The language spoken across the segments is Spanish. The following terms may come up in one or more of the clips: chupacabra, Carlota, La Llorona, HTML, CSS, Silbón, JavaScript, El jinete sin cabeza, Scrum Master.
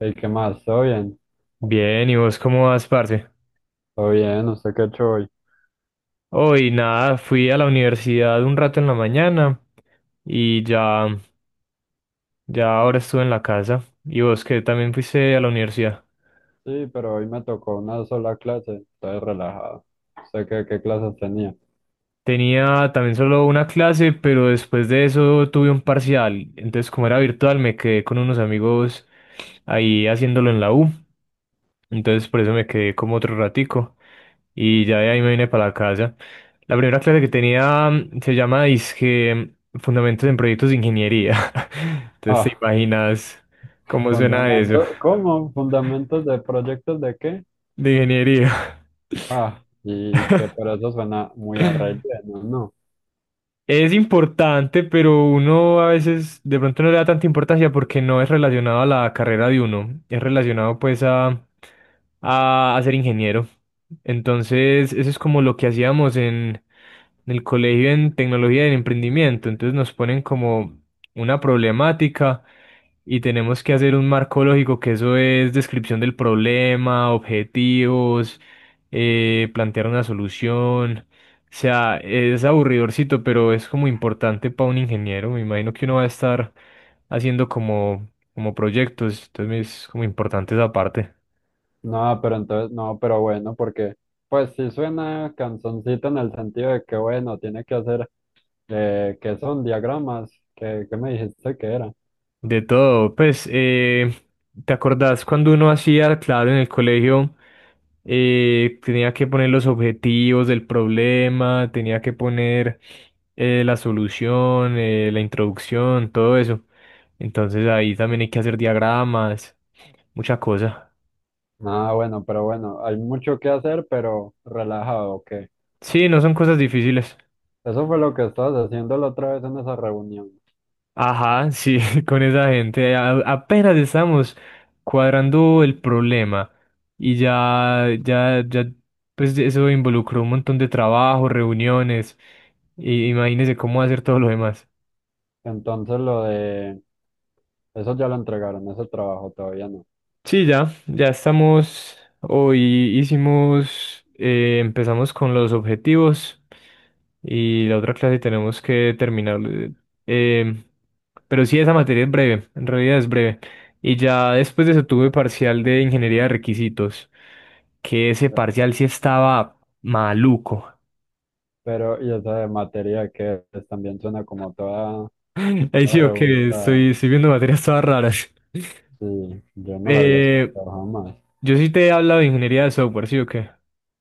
¿Y qué más? ¿Todo bien? Bien, ¿y vos cómo vas, parce? ¿Todo bien? ¿Usted qué ha hecho hoy? Hoy nada, fui a la universidad un rato en la mañana y ya ahora estuve en la casa. ¿Y vos que también fuiste a la universidad? Sí, pero hoy me tocó una sola clase. Estoy relajado. ¿Usted qué clases tenía? Tenía también solo una clase, pero después de eso tuve un parcial. Entonces, como era virtual, me quedé con unos amigos ahí haciéndolo en la U. Entonces, por eso me quedé como otro ratico. Y ya de ahí me vine para la casa. La primera clase que tenía se llama Disque Fundamentos en Proyectos de Ingeniería. Entonces te Ah, imaginas cómo suena eso fundamentos. ¿Cómo? ¿Fundamentos de proyectos de qué? de ingeniería. Ah, y que por eso suena muy a relleno, ¿no? Es importante, pero uno a veces de pronto no le da tanta importancia porque no es relacionado a la carrera de uno. Es relacionado pues a, a ser ingeniero. Entonces eso es como lo que hacíamos en el colegio en tecnología del emprendimiento. Entonces nos ponen como una problemática. Y tenemos que hacer un marco lógico, que eso es descripción del problema, objetivos, plantear una solución. O sea, es aburridorcito, pero es como importante para un ingeniero. Me imagino que uno va a estar haciendo como proyectos, entonces es como importante esa parte. Pero bueno, porque pues sí suena canzoncito en el sentido de que bueno, tiene que hacer, que son diagramas, que me dijiste que era. De todo, pues, ¿te acordás cuando uno hacía, claro, en el colegio, tenía que poner los objetivos del problema, tenía que poner la solución, la introducción, todo eso. Entonces ahí también hay que hacer diagramas, mucha cosa. Ah, bueno, pero bueno, hay mucho que hacer, pero relajado, ok. Sí, no son cosas difíciles. Eso fue lo que estabas haciendo la otra vez en esa reunión. Ajá, sí, con esa gente apenas estamos cuadrando el problema y ya, ya, ya, pues eso involucró un montón de trabajo, reuniones, y imagínese cómo hacer todo lo demás. Entonces lo de... Eso ya lo entregaron, ese trabajo todavía no. Sí, ya estamos, hoy empezamos con los objetivos. Y la otra clase tenemos que terminar. eh, pero sí, esa materia es breve, en realidad es breve. Y ya después de eso tuve parcial de ingeniería de requisitos, que ese Eh, parcial sí estaba maluco. Pero, y esa de materia que es, también suena como toda, Ahí toda sí, ok, rebuscada. estoy viendo materias todas raras. Sí, yo no la había Eh, escuchado jamás. yo sí te he hablado de ingeniería de software, ¿sí o qué?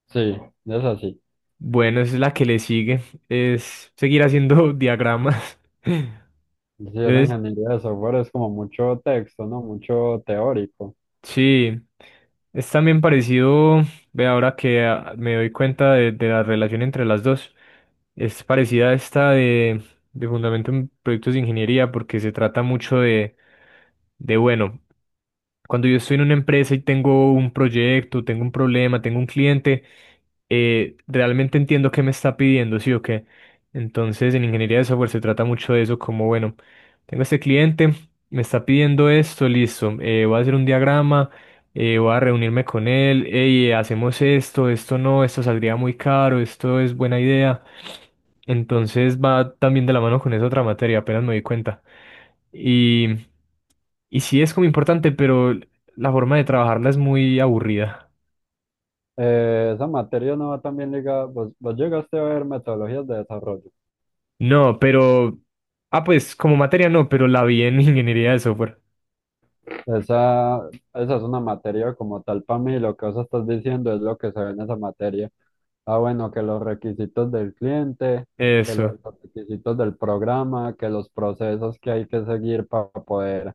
Sí, es así. Bueno, es la que le sigue, es seguir haciendo diagramas. Sí, esa Entonces, ingeniería de software es como mucho texto, ¿no? Mucho teórico. sí, es también parecido, ve ahora que me doy cuenta de la relación entre las dos, es parecida a esta de Fundamento en Proyectos de Ingeniería porque se trata mucho de bueno. Cuando yo estoy en una empresa y tengo un proyecto, tengo un problema, tengo un cliente, realmente entiendo qué me está pidiendo, ¿sí o qué? Entonces, en ingeniería de software se trata mucho de eso, como, bueno, tengo este cliente, me está pidiendo esto, listo, voy a hacer un diagrama, voy a reunirme con él, hey, hacemos esto, esto no, esto saldría muy caro, esto es buena idea. Entonces va también de la mano con esa otra materia, apenas me di cuenta. Y y sí es como importante, pero la forma de trabajarla es muy aburrida. Esa materia no va también ligada. ¿Vos llegaste a ver metodologías de desarrollo? No, pero. Ah, pues como materia no, pero la vi en ingeniería de software. Esa, esa es una materia como tal para mí, lo que vos estás diciendo es lo que se ve en esa materia. Ah, bueno, que los requisitos del cliente, que los Eso. requisitos del programa, que los procesos que hay que seguir para poder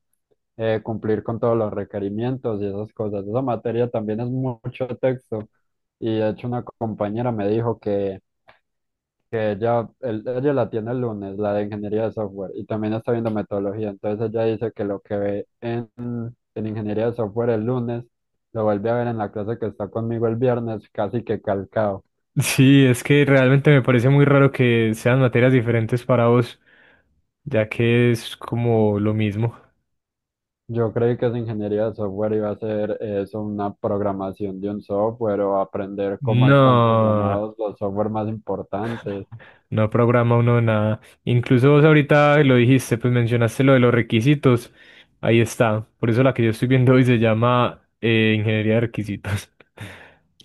cumplir con todos los requerimientos y esas cosas. Esa materia también es mucho texto. Y de hecho una compañera me dijo que ella, ella la tiene el lunes, la de ingeniería de software, y también está viendo metodología. Entonces ella dice que lo que ve en ingeniería de software el lunes, lo vuelve a ver en la clase que está conmigo el viernes, casi que calcado. Sí, es que realmente me parece muy raro que sean materias diferentes para vos, ya que es como lo mismo. Yo creí que esa ingeniería de software iba a ser eso, una programación de un software o aprender cómo están No, programados los software más importantes. no programa uno nada. Incluso vos ahorita lo dijiste, pues mencionaste lo de los requisitos. Ahí está. Por eso la que yo estoy viendo hoy se llama Ingeniería de Requisitos.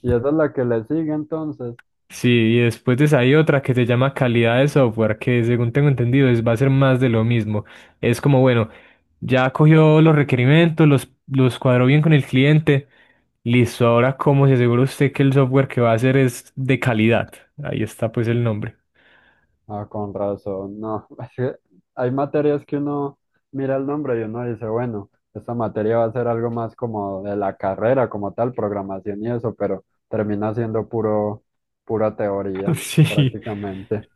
Y esa es la que le sigue entonces. Sí, y después de esa hay otra que se llama calidad de software, que según tengo entendido es, va a ser más de lo mismo. Es como, bueno, ya cogió los requerimientos, los cuadró bien con el cliente. Listo, ahora cómo se asegura usted que el software que va a hacer es de calidad. Ahí está pues el nombre. Ah, con razón, no. Es que hay materias que uno mira el nombre y uno dice, bueno, esta materia va a ser algo más como de la carrera, como tal, programación y eso, pero termina siendo puro, pura teoría, Sí, prácticamente.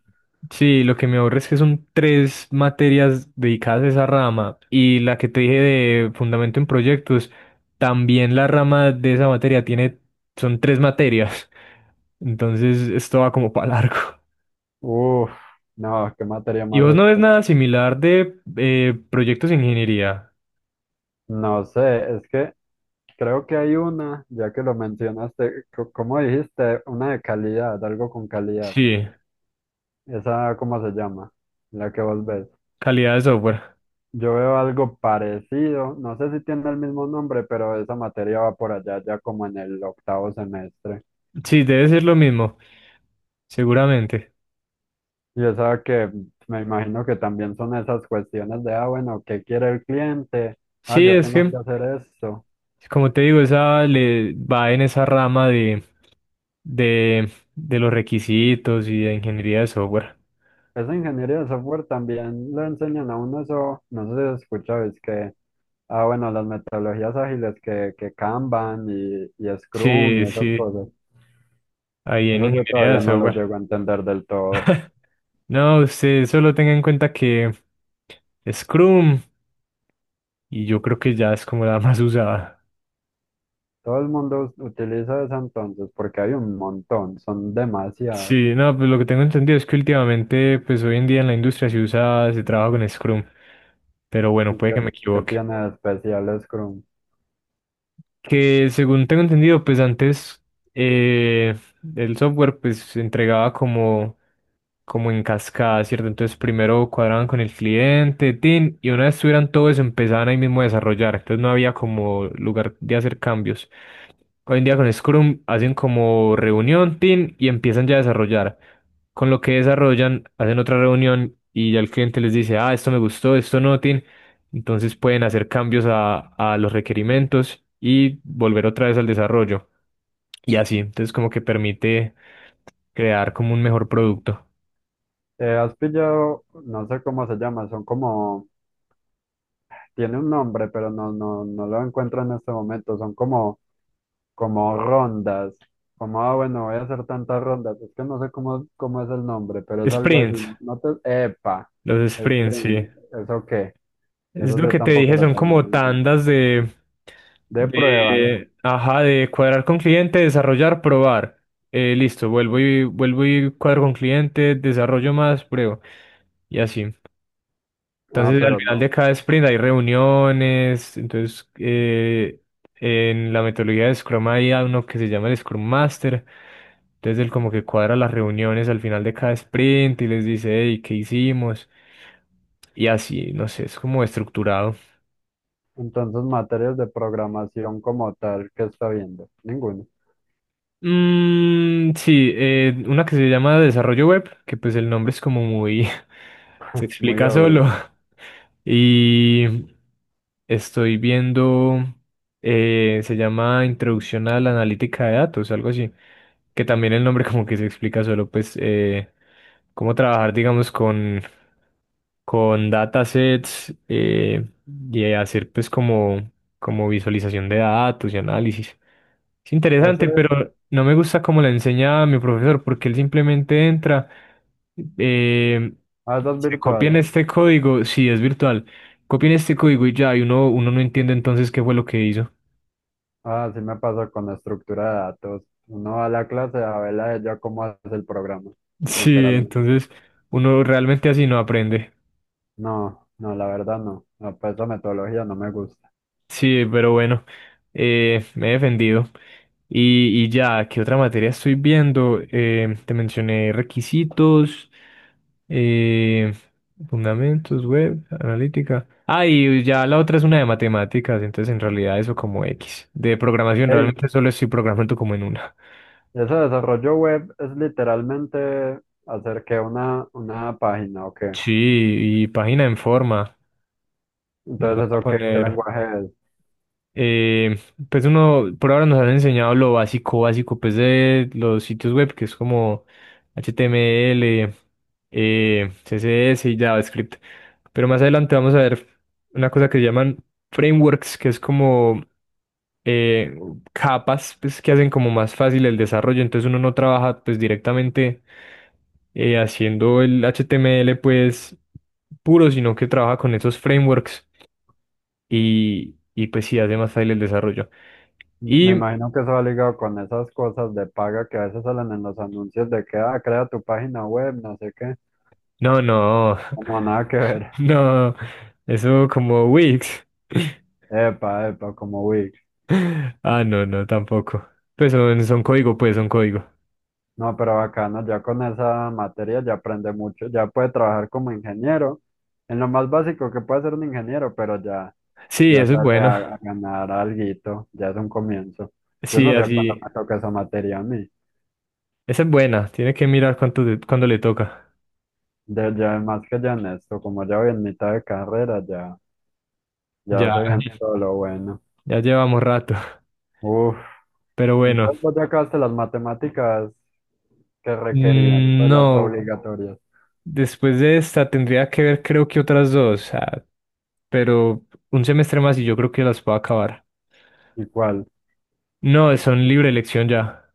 sí, lo que me aburre es que son tres materias dedicadas a esa rama y la que te dije de fundamento en proyectos, también la rama de esa materia tiene, son tres materias. Entonces, esto va como para largo. Uf, no, qué materia ¿Y más vos no ves extensa. nada similar de proyectos de ingeniería? No sé, es que creo que hay una, ya que lo mencionaste, ¿cómo dijiste? Una de calidad, algo con calidad. Sí, ¿Esa cómo se llama? La que vos ves. calidad de software. Yo veo algo parecido, no sé si tiene el mismo nombre, pero esa materia va por allá ya como en el octavo semestre. Sí, debe ser lo mismo, seguramente. Y esa que me imagino que también son esas cuestiones de, ah, bueno, ¿qué quiere el cliente? Ah, Sí, yo es tengo que, que hacer esto. como te digo, esa le va en esa rama de los requisitos y de ingeniería de software. Esa ingeniería de software también le enseñan a uno eso, no sé si lo escuchabais que, ah, bueno, las metodologías ágiles que Kanban y Scrum Sí, y esas sí, cosas. ahí en Eso yo ingeniería de todavía no lo software. llego a entender del todo. No, usted solo tenga en cuenta que Scrum, y yo creo que ya es como la más usada. Todo el mundo utiliza esa entonces porque hay un montón, son demasiadas. Sí, no, pues lo que tengo entendido es que últimamente, pues hoy en día en la industria se usa, se trabaja con Scrum, pero bueno, ¿Y puede que me qué equivoque. tiene de especial Scrum? Que según tengo entendido, pues antes eh, el software pues se entregaba como en cascada, ¿cierto? Entonces primero cuadraban con el cliente, tin, y una vez tuvieran todo eso empezaban ahí mismo a desarrollar, entonces no había como lugar de hacer cambios. Hoy en día con Scrum hacen como reunión, team, y empiezan ya a desarrollar. Con lo que desarrollan, hacen otra reunión y ya el cliente les dice, ah, esto me gustó, esto no, team. Entonces pueden hacer cambios a los requerimientos y volver otra vez al desarrollo. Y así, entonces como que permite crear como un mejor producto. Has pillado, no sé cómo se llama, son como, tiene un nombre, pero no lo encuentro en este momento, son como, como rondas, como, ah, bueno, voy a hacer tantas rondas, es que no sé cómo, cómo es el nombre, pero es algo así, Sprints, no te, epa, los sprints, sí. sprint, ¿eso qué? Es Eso lo yo que te tampoco dije, lo son terminé como de entender. tandas De pruebas, ajá, de cuadrar con cliente, desarrollar, probar. Listo, vuelvo y vuelvo y cuadro con cliente, desarrollo más, pruebo y así. ah, Entonces, al pero final de no. cada sprint hay reuniones. Entonces, en la metodología de Scrum hay a uno que se llama el Scrum Master. Entonces, él como que cuadra las reuniones al final de cada sprint y les dice, hey, ¿qué hicimos? Y así, no sé, es como estructurado. Entonces, materias de programación como tal, ¿qué está viendo? Ninguno, Mm, sí, una que se llama Desarrollo Web, que pues el nombre es como muy. Se muy explica solo. obvio. Y estoy viendo. Se llama Introducción a la Analítica de Datos, algo así. Que también el nombre como que se explica solo, pues, cómo trabajar, digamos, con datasets y hacer pues como visualización de datos y análisis. Es interesante, Ese, pero no me gusta cómo la enseña mi profesor, porque él simplemente entra, eh, ah, eso es se copian virtual. este código, sí, es virtual, copian este código y ya, y uno no entiende entonces qué fue lo que hizo. Ah, sí me pasa con la estructura de datos. Uno va a la clase a ver a ella cómo hace el programa, Sí, literalmente. entonces uno realmente así no aprende. No, la verdad no. No, pues esa metodología no me gusta. Sí, pero bueno, me he defendido. Y ya, ¿qué otra materia estoy viendo? Te mencioné requisitos. Eh, fundamentos, web, analítica. Ah, y ya la otra es una de matemáticas, entonces en realidad eso como X. De programación Hey, realmente solo estoy programando como en una. ese desarrollo web es literalmente hacer que una página o qué. Sí, y página en forma. Nos van Entonces, a ¿eso qué poner, lenguaje es? eh, pues uno, por ahora nos han enseñado lo básico, básico, pues de los sitios web, que es como HTML, CSS y JavaScript. Pero más adelante vamos a ver una cosa que llaman frameworks, que es como eh, capas pues, que hacen como más fácil el desarrollo. Entonces uno no trabaja pues directamente haciendo el HTML pues puro, sino que trabaja con esos frameworks y pues sí hace más fácil el desarrollo. Me Y imagino que eso va ligado con esas cosas de paga que a veces salen en los anuncios de que, ah, crea tu página web, no sé qué. no, no, No, nada que ver. no, eso como Wix. Epa, epa, como Wix. Ah, no, no, tampoco. Pues son código, pues son código. No, pero bacano, ya con esa materia ya aprende mucho, ya puede trabajar como ingeniero, en lo más básico que puede ser un ingeniero, pero ya, Sí, ya eso es sale bueno. A ganar alguito, ya es un comienzo. Yo Sí, no sé cuánto así. me toca esa materia a mí. Esa es buena. Tiene que mirar cuánto, cuándo le toca. De, ya más que ya en esto, como ya voy en mitad de carrera, ya, Ya, ya se viene todo lo bueno. ya llevamos rato. Uf. Pero bueno, Entonces vos ya acabaste las matemáticas que requerían, mm, pues las no, obligatorias. después de esta tendría que ver creo que otras dos, pero un semestre más y yo creo que las puedo acabar. ¿Y cuál? No, son libre elección ya,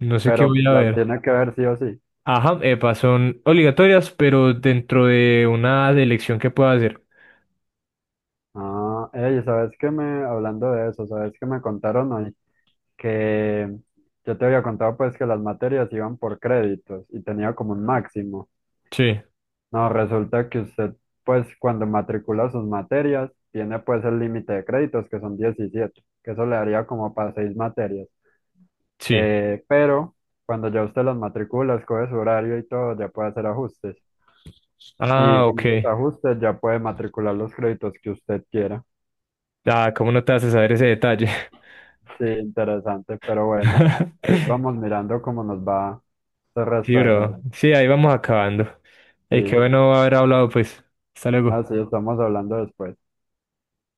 no sé qué Pero voy a las ver. tiene que ver sí o sí. Ajá, epa, son obligatorias, pero dentro de una elección que pueda hacer. Ah, ey, ¿sabes qué me, hablando de eso, ¿sabes qué me contaron hoy? Que yo te había contado pues que las materias iban por créditos y tenía como un máximo. Sí, No, resulta que usted pues cuando matricula sus materias tiene pues el límite de créditos que son 17 que eso le daría como para seis materias. sí. Pero cuando ya usted las matricula, escoge su horario y todo, ya puede hacer ajustes. Y Ah, con esos ok. ajustes ya puede matricular los créditos que usted quiera. Ah, ¿cómo no te haces saber ese detalle? Sí, interesante, pero bueno, ahí vamos mirando cómo nos va el Sí, resto de bro. semana. Sí, ahí vamos acabando. Y qué Sí, bueno haber hablado, pues. Hasta luego. así estamos hablando después.